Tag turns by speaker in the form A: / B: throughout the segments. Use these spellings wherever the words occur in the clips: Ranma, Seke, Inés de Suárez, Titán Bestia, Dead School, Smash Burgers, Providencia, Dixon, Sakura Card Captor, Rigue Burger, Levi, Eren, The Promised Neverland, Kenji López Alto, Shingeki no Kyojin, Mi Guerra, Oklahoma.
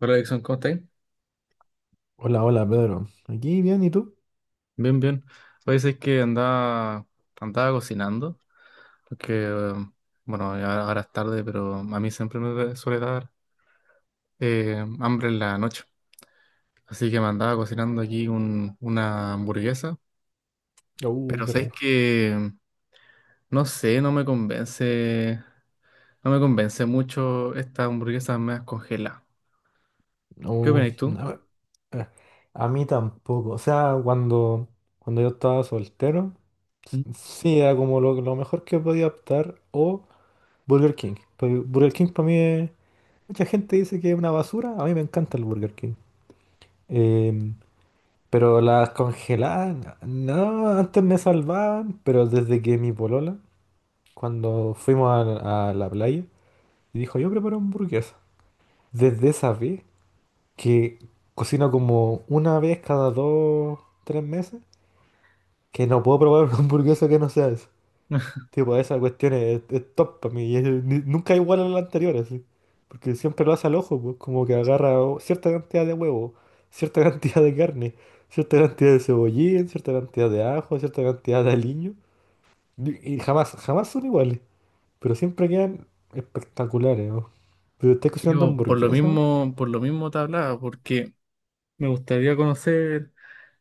A: Hola, Dixon, ¿cómo estáis?
B: Hola, hola, Pedro. Aquí bien, ¿y tú?
A: Bien, bien. Oye, es que andaba, andaba cocinando, porque, bueno, ya ahora es tarde, pero a mí siempre suele dar hambre en la noche. Así que me andaba cocinando aquí una hamburguesa,
B: Uh,
A: pero
B: qué
A: sabes
B: rico.
A: que, no sé, no me convence mucho estas hamburguesas me congeladas. ¿Qué
B: Uh,
A: opinas tú?
B: no, eh, a mí tampoco. O sea, cuando yo estaba soltero, s-
A: Mm.
B: sí, era como lo mejor que podía optar. O Burger King. Pero Burger King para mí es. Mucha gente dice que es una basura. A mí me encanta el Burger King. Em, pero las congeladas, no, antes me salvaban, pero desde que mi polola, cuando fuimos a la playa, dijo, yo preparo hamburguesa. Desde esa vez, que cocino como una vez cada dos, tres meses, que no puedo probar una hamburguesa que no sea esa. Tipo, esa cuestión es top para mí y nunca es igual a la anterior, así. Porque siempre lo hace al ojo, pues, como que agarra cierta cantidad de huevo, cierta cantidad de carne, cierta cantidad de cebollín, cierta cantidad de ajo, cierta cantidad de aliño. Y jamás, jamás son iguales, pero siempre quedan espectaculares, ¿no? Pero estás cocinando
A: Digo,
B: hamburguesas.
A: por lo mismo te hablaba, porque me gustaría conocer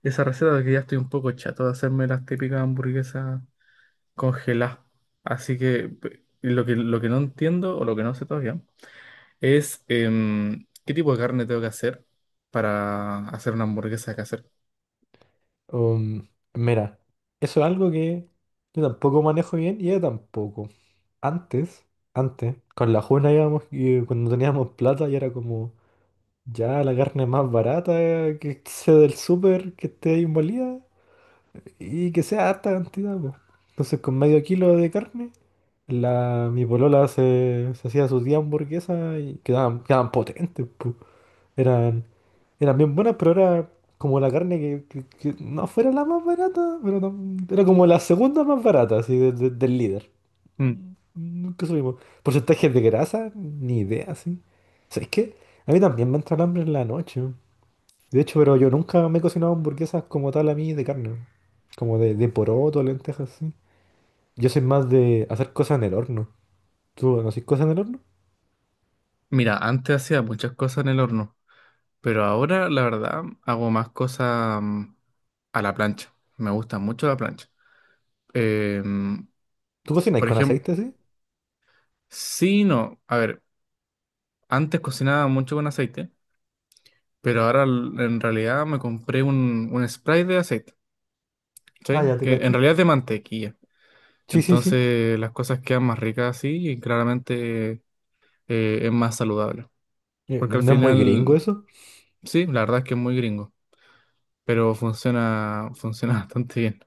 A: esa receta porque ya estoy un poco chato de hacerme las típicas hamburguesas congeladas. Así que lo que no entiendo o lo que no sé todavía es qué tipo de carne tengo que hacer para hacer una hamburguesa casera.
B: Um, mira, eso es algo que yo tampoco manejo bien y ella tampoco. Antes, antes, con la Juna íbamos y cuando teníamos plata y era como ya la carne más barata, que sea del súper, que esté ahí molida y que sea harta cantidad, po. Entonces con medio kilo de carne, mi polola se hacía sus 10 hamburguesas y quedaban potentes, eran, eran bien buenas, pero era como la carne que no fuera la más barata, pero era como la segunda más barata, así, del líder.
A: Mm.
B: Nunca subimos. Porcentajes de grasa, ni idea, sí. ¿Sabes qué? A mí también me entra el hambre en la noche. De hecho, pero yo nunca me he cocinado hamburguesas como tal a mí de carne. Como de poroto, lentejas, así. Yo soy más de hacer cosas en el horno. ¿Tú no haces cosas en el horno?
A: Mira, antes hacía muchas cosas en el horno, pero ahora la verdad hago más cosas a la plancha. Me gusta mucho la plancha. Em,
B: ¿Tú cocinas
A: por
B: con
A: ejemplo,
B: aceite, sí?
A: sí, no. A ver, antes cocinaba mucho con aceite. Pero ahora en realidad me compré un spray de aceite,
B: Ah,
A: ¿cachai?
B: ya te
A: Que en
B: cacho.
A: realidad es de mantequilla.
B: Sí, sí, sí.
A: Entonces las cosas quedan más ricas así y claramente es más saludable. Porque al
B: No es muy gringo
A: final,
B: eso.
A: sí, la verdad es que es muy gringo, pero funciona, funciona bastante bien.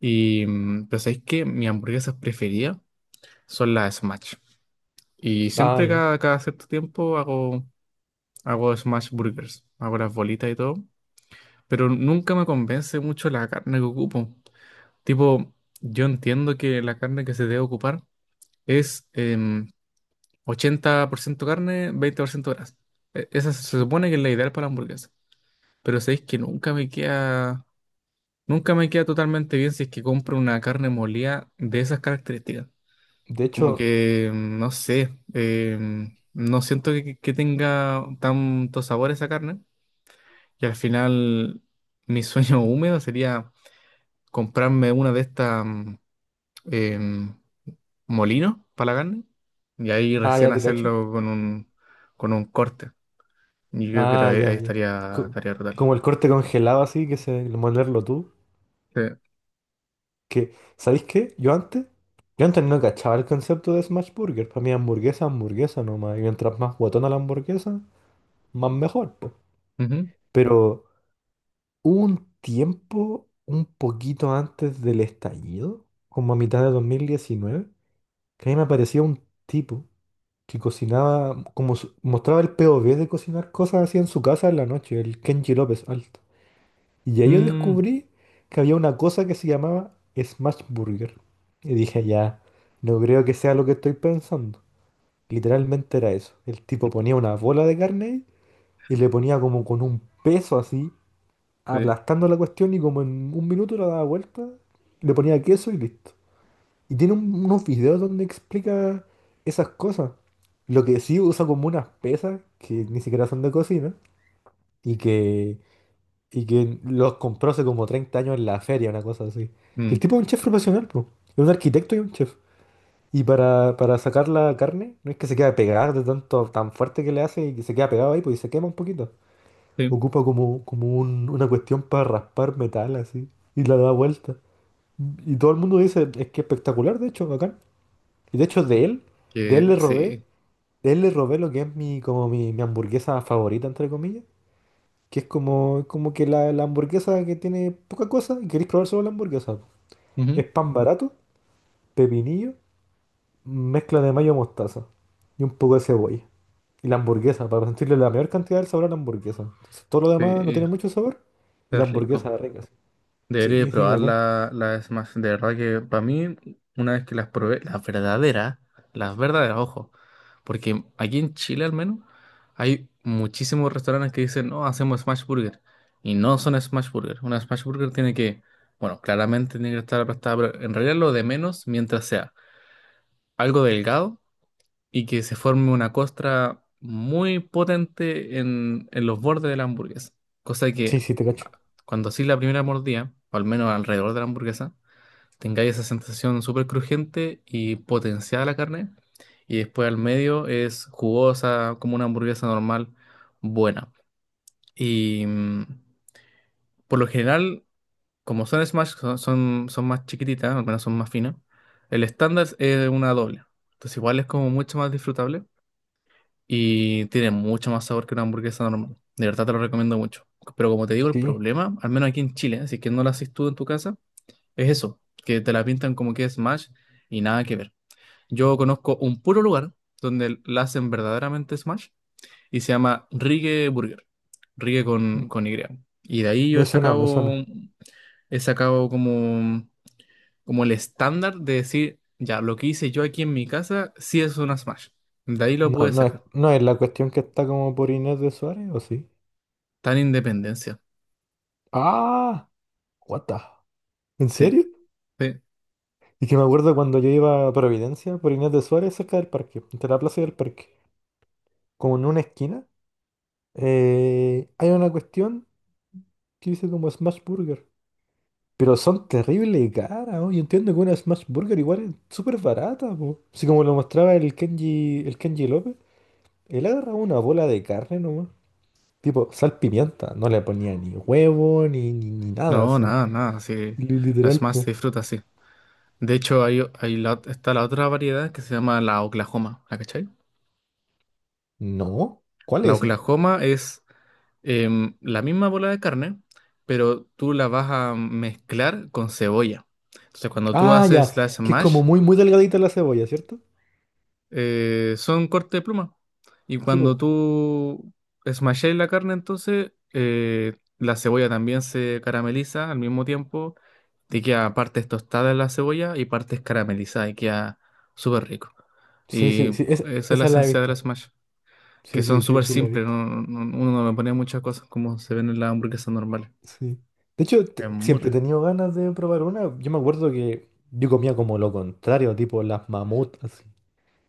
A: Y pero sabéis que mis hamburguesas preferidas son las Smash. Y
B: Ah,
A: siempre
B: ya.
A: cada cierto tiempo hago, hago Smash Burgers, hago las bolitas y todo. Pero nunca me convence mucho la carne que ocupo. Tipo, yo entiendo que la carne que se debe ocupar es 80% carne, 20% grasa. Esa se
B: Chuta.
A: supone que es la ideal para la hamburguesa. Pero sabéis que nunca me queda totalmente bien si es que compro una carne molida de esas características.
B: De
A: Como
B: hecho,
A: que, no sé, no siento que tenga tanto sabor esa carne. Y al final, mi sueño húmedo sería comprarme una de estas em, molino para la carne y ahí
B: ah,
A: recién
B: ya te cacho.
A: hacerlo con un corte. Y yo creo
B: Ah,
A: que
B: ya,
A: ahí
B: ya.
A: estaría,
B: Co-
A: estaría brutal.
B: como el corte congelado así, que se molerlo tú.
A: Sí.
B: Que, ¿sabéis qué? Yo antes no cachaba el concepto de smash burger. Para mí hamburguesa, hamburguesa nomás. Y mientras más guatona la hamburguesa, más mejor, po.
A: Ujú.
B: Pero hubo un tiempo, un poquito antes del estallido, como a mitad de 2019, que a mí me aparecía un tipo que cocinaba, como mostraba el POV de cocinar cosas así en su casa en la noche, el Kenji López Alto. Y ahí yo
A: Mm,
B: descubrí que había una cosa que se llamaba Smash Burger. Y dije, ya, no creo que sea lo que estoy pensando. Literalmente era eso. El tipo ponía una bola de carne ahí y le ponía como con un peso así,
A: sí.
B: aplastando la cuestión y como en un minuto la daba vuelta, le ponía queso y listo. Y tiene unos videos donde explica esas cosas. Lo que sí usa como unas pesas que ni siquiera son de cocina y que los compró hace como 30 años en la feria, una cosa así. Y el
A: Mm,
B: tipo es un chef profesional, po. Es un arquitecto y un chef. Y para sacar la carne, no es que se queda pegada de tanto, tan fuerte que le hace y que se queda pegado ahí, pues y se quema un poquito.
A: sí.
B: Ocupa como una cuestión para raspar metal así y la da vuelta. Y todo el mundo dice, es que espectacular, de hecho, bacán. Y de hecho
A: Es.
B: de él
A: Que
B: le robé,
A: sí.
B: de él le robé lo que es mi, como mi hamburguesa favorita, entre comillas. Que es como que la hamburguesa que tiene poca cosa y queréis probar solo la hamburguesa.
A: Ujú.
B: Es pan barato, pepinillo, mezcla de mayo mostaza y un poco de cebolla. Y la hamburguesa, para sentirle la mayor cantidad del sabor a la hamburguesa. Entonces, todo lo demás no
A: Sí,
B: tiene mucho sabor y la
A: es rico.
B: hamburguesa es rica. Sí,
A: Debería de
B: sí, sí,
A: probar
B: bacán.
A: la Smash. De verdad que para mí, una vez que las probé, las verdaderas, ojo, porque aquí en Chile al menos hay muchísimos restaurantes que dicen, no, hacemos Smash Burger. Y no son Smash Burger. Una Smash Burger tiene que, bueno, claramente tiene que estar aplastada, pero en realidad lo de menos mientras sea algo delgado y que se forme una costra muy potente en los bordes de la hamburguesa. Cosa que
B: Sí, sí, te cacho.
A: ah, cuando así la primera mordida, o al menos alrededor de la hamburguesa, tengáis esa sensación súper crujiente y potenciada la carne. Y después al medio es jugosa, como una hamburguesa normal, buena. Y por lo general, como son smash, son más chiquititas, al menos son más finas. El estándar es una doble. Entonces igual es como mucho más disfrutable y tiene mucho más sabor que una hamburguesa normal. De verdad te lo recomiendo mucho. Pero como te digo, el
B: Sí.
A: problema, al menos aquí en Chile, ¿eh? Si es que no la haces tú en tu casa, es eso, que te la pintan como que es Smash y nada que ver. Yo conozco un puro lugar donde la hacen verdaderamente Smash y se llama Rigue Burger, Rigue
B: Mm,
A: con Y. Y de ahí yo
B: Me suena, me suena.
A: he sacado como, como el estándar de decir, ya, lo que hice yo aquí en mi casa sí es una Smash. De ahí lo
B: No,
A: pude
B: no es,
A: sacar.
B: no es la cuestión que está como por Inés de Suárez, ¿o sí?
A: Tan independencia.
B: Ah, what the- ¿en
A: Sí,
B: serio?
A: sí.
B: Y que me acuerdo cuando yo iba a Providencia por Inés de Suárez cerca del parque, entre la plaza y el parque, como en una esquina, hay una cuestión que dice como Smash Burger. Pero son terrible caras, ¿no? Yo entiendo que una Smash Burger igual es súper barata, po. Así como lo mostraba el Kenji López, él agarraba una bola de carne nomás. Tipo, sal pimienta, no le ponía ni huevo, ni nada
A: No,
B: así.
A: nada, nada. Sí,
B: Li-
A: las
B: Literal,
A: más
B: po.
A: se disfruta sí. De hecho, hay, está la otra variedad que se llama la Oklahoma. ¿La cachai?
B: No, ¿cuál
A: La
B: es?
A: Oklahoma es la misma bola de carne, pero tú la vas a mezclar con cebolla. Entonces, cuando tú
B: Ah,
A: haces
B: ya.
A: la
B: Que es
A: Smash,
B: como muy, muy delgadita la cebolla, ¿cierto?
A: son corte de pluma. Y
B: Sí, pues.
A: cuando tú smasháis la carne, entonces la cebolla también se carameliza al mismo tiempo. Te queda partes tostadas la cebolla y partes caramelizadas y queda súper rico.
B: Sí, sí,
A: Y
B: sí. es-
A: esa es la
B: esa la he
A: esencia de la
B: visto.
A: smash, que
B: Sí,
A: son
B: sí, sí,
A: súper
B: sí la he
A: simples.
B: visto.
A: Uno no le pone muchas cosas como se ven en las hamburguesas normales.
B: Sí. De hecho,
A: Es muy
B: siempre he
A: rico.
B: tenido ganas de probar una. Yo me acuerdo que yo comía como lo contrario, tipo las mamut, así.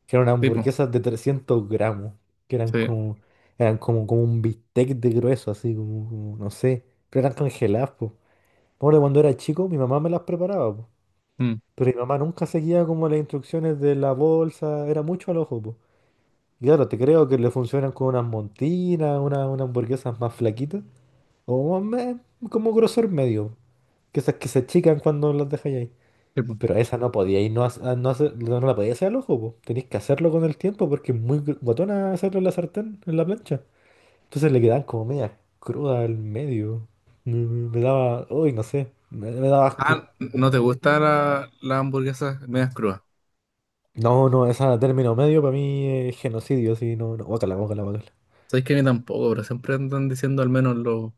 B: Que eran
A: Tipo,
B: hamburguesas de 300 gramos. Que eran
A: sí.
B: como, eran como, como un bistec de grueso, así, como no sé. Pero eran congeladas, pues. Me acuerdo cuando era chico, mi mamá me las preparaba, po.
A: Mm,
B: Pero mi mamá nunca seguía como las instrucciones de la bolsa, era mucho al ojo. Y claro, te creo que le funcionan con unas montinas, unas hamburguesas más flaquitas, o más como grosor medio, que esas que se achican cuando las dejáis ahí.
A: sí, po.
B: Pero esa no podía ir, no, no, no la podía hacer al ojo, po. Tenéis que hacerlo con el tiempo porque es muy guatona hacerlo en la sartén, en la plancha. Entonces le quedaban como media cruda al medio. Me daba, uy, no sé, me daba asco.
A: Ah, ¿no te gustan las hamburguesas medias crudas?
B: No, no, esa término medio para mí es genocidio, sí, no, no, bócala, bócala, bócala.
A: Sabéis que a mí tampoco, pero siempre andan diciendo al menos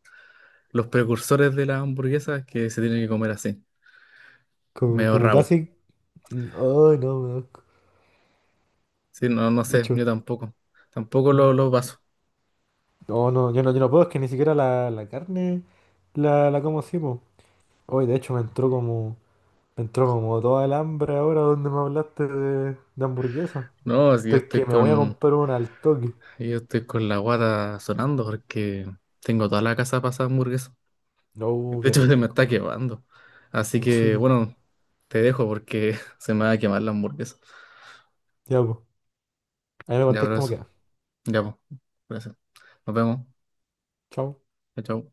A: los precursores de las hamburguesas que se tienen que comer así,
B: Como,
A: medio
B: como
A: rabo.
B: casi. Ay, no, me da asco.
A: Sí, no, no
B: De
A: sé,
B: hecho,
A: yo tampoco. Tampoco
B: mm,
A: lo, lo paso.
B: no, no, yo no puedo, es que ni siquiera la carne la como así, po. Hoy, de hecho, me entró como toda el hambre ahora donde me hablaste de hamburguesa.
A: No, si yo
B: Estoy que
A: estoy
B: me voy a
A: con,
B: comprar una al toque.
A: yo estoy con la guata sonando porque tengo toda la casa pasada hamburguesa.
B: No,
A: De
B: qué
A: hecho, se me está
B: rico.
A: quemando. Así que,
B: Chuta.
A: bueno, te dejo porque se me va a quemar la hamburguesa.
B: Ya, pues. Ahí me
A: Ya,
B: contés cómo
A: abrazo.
B: queda.
A: Ya, pues. Gracias. Nos vemos.
B: Chao.
A: Chao. Chao.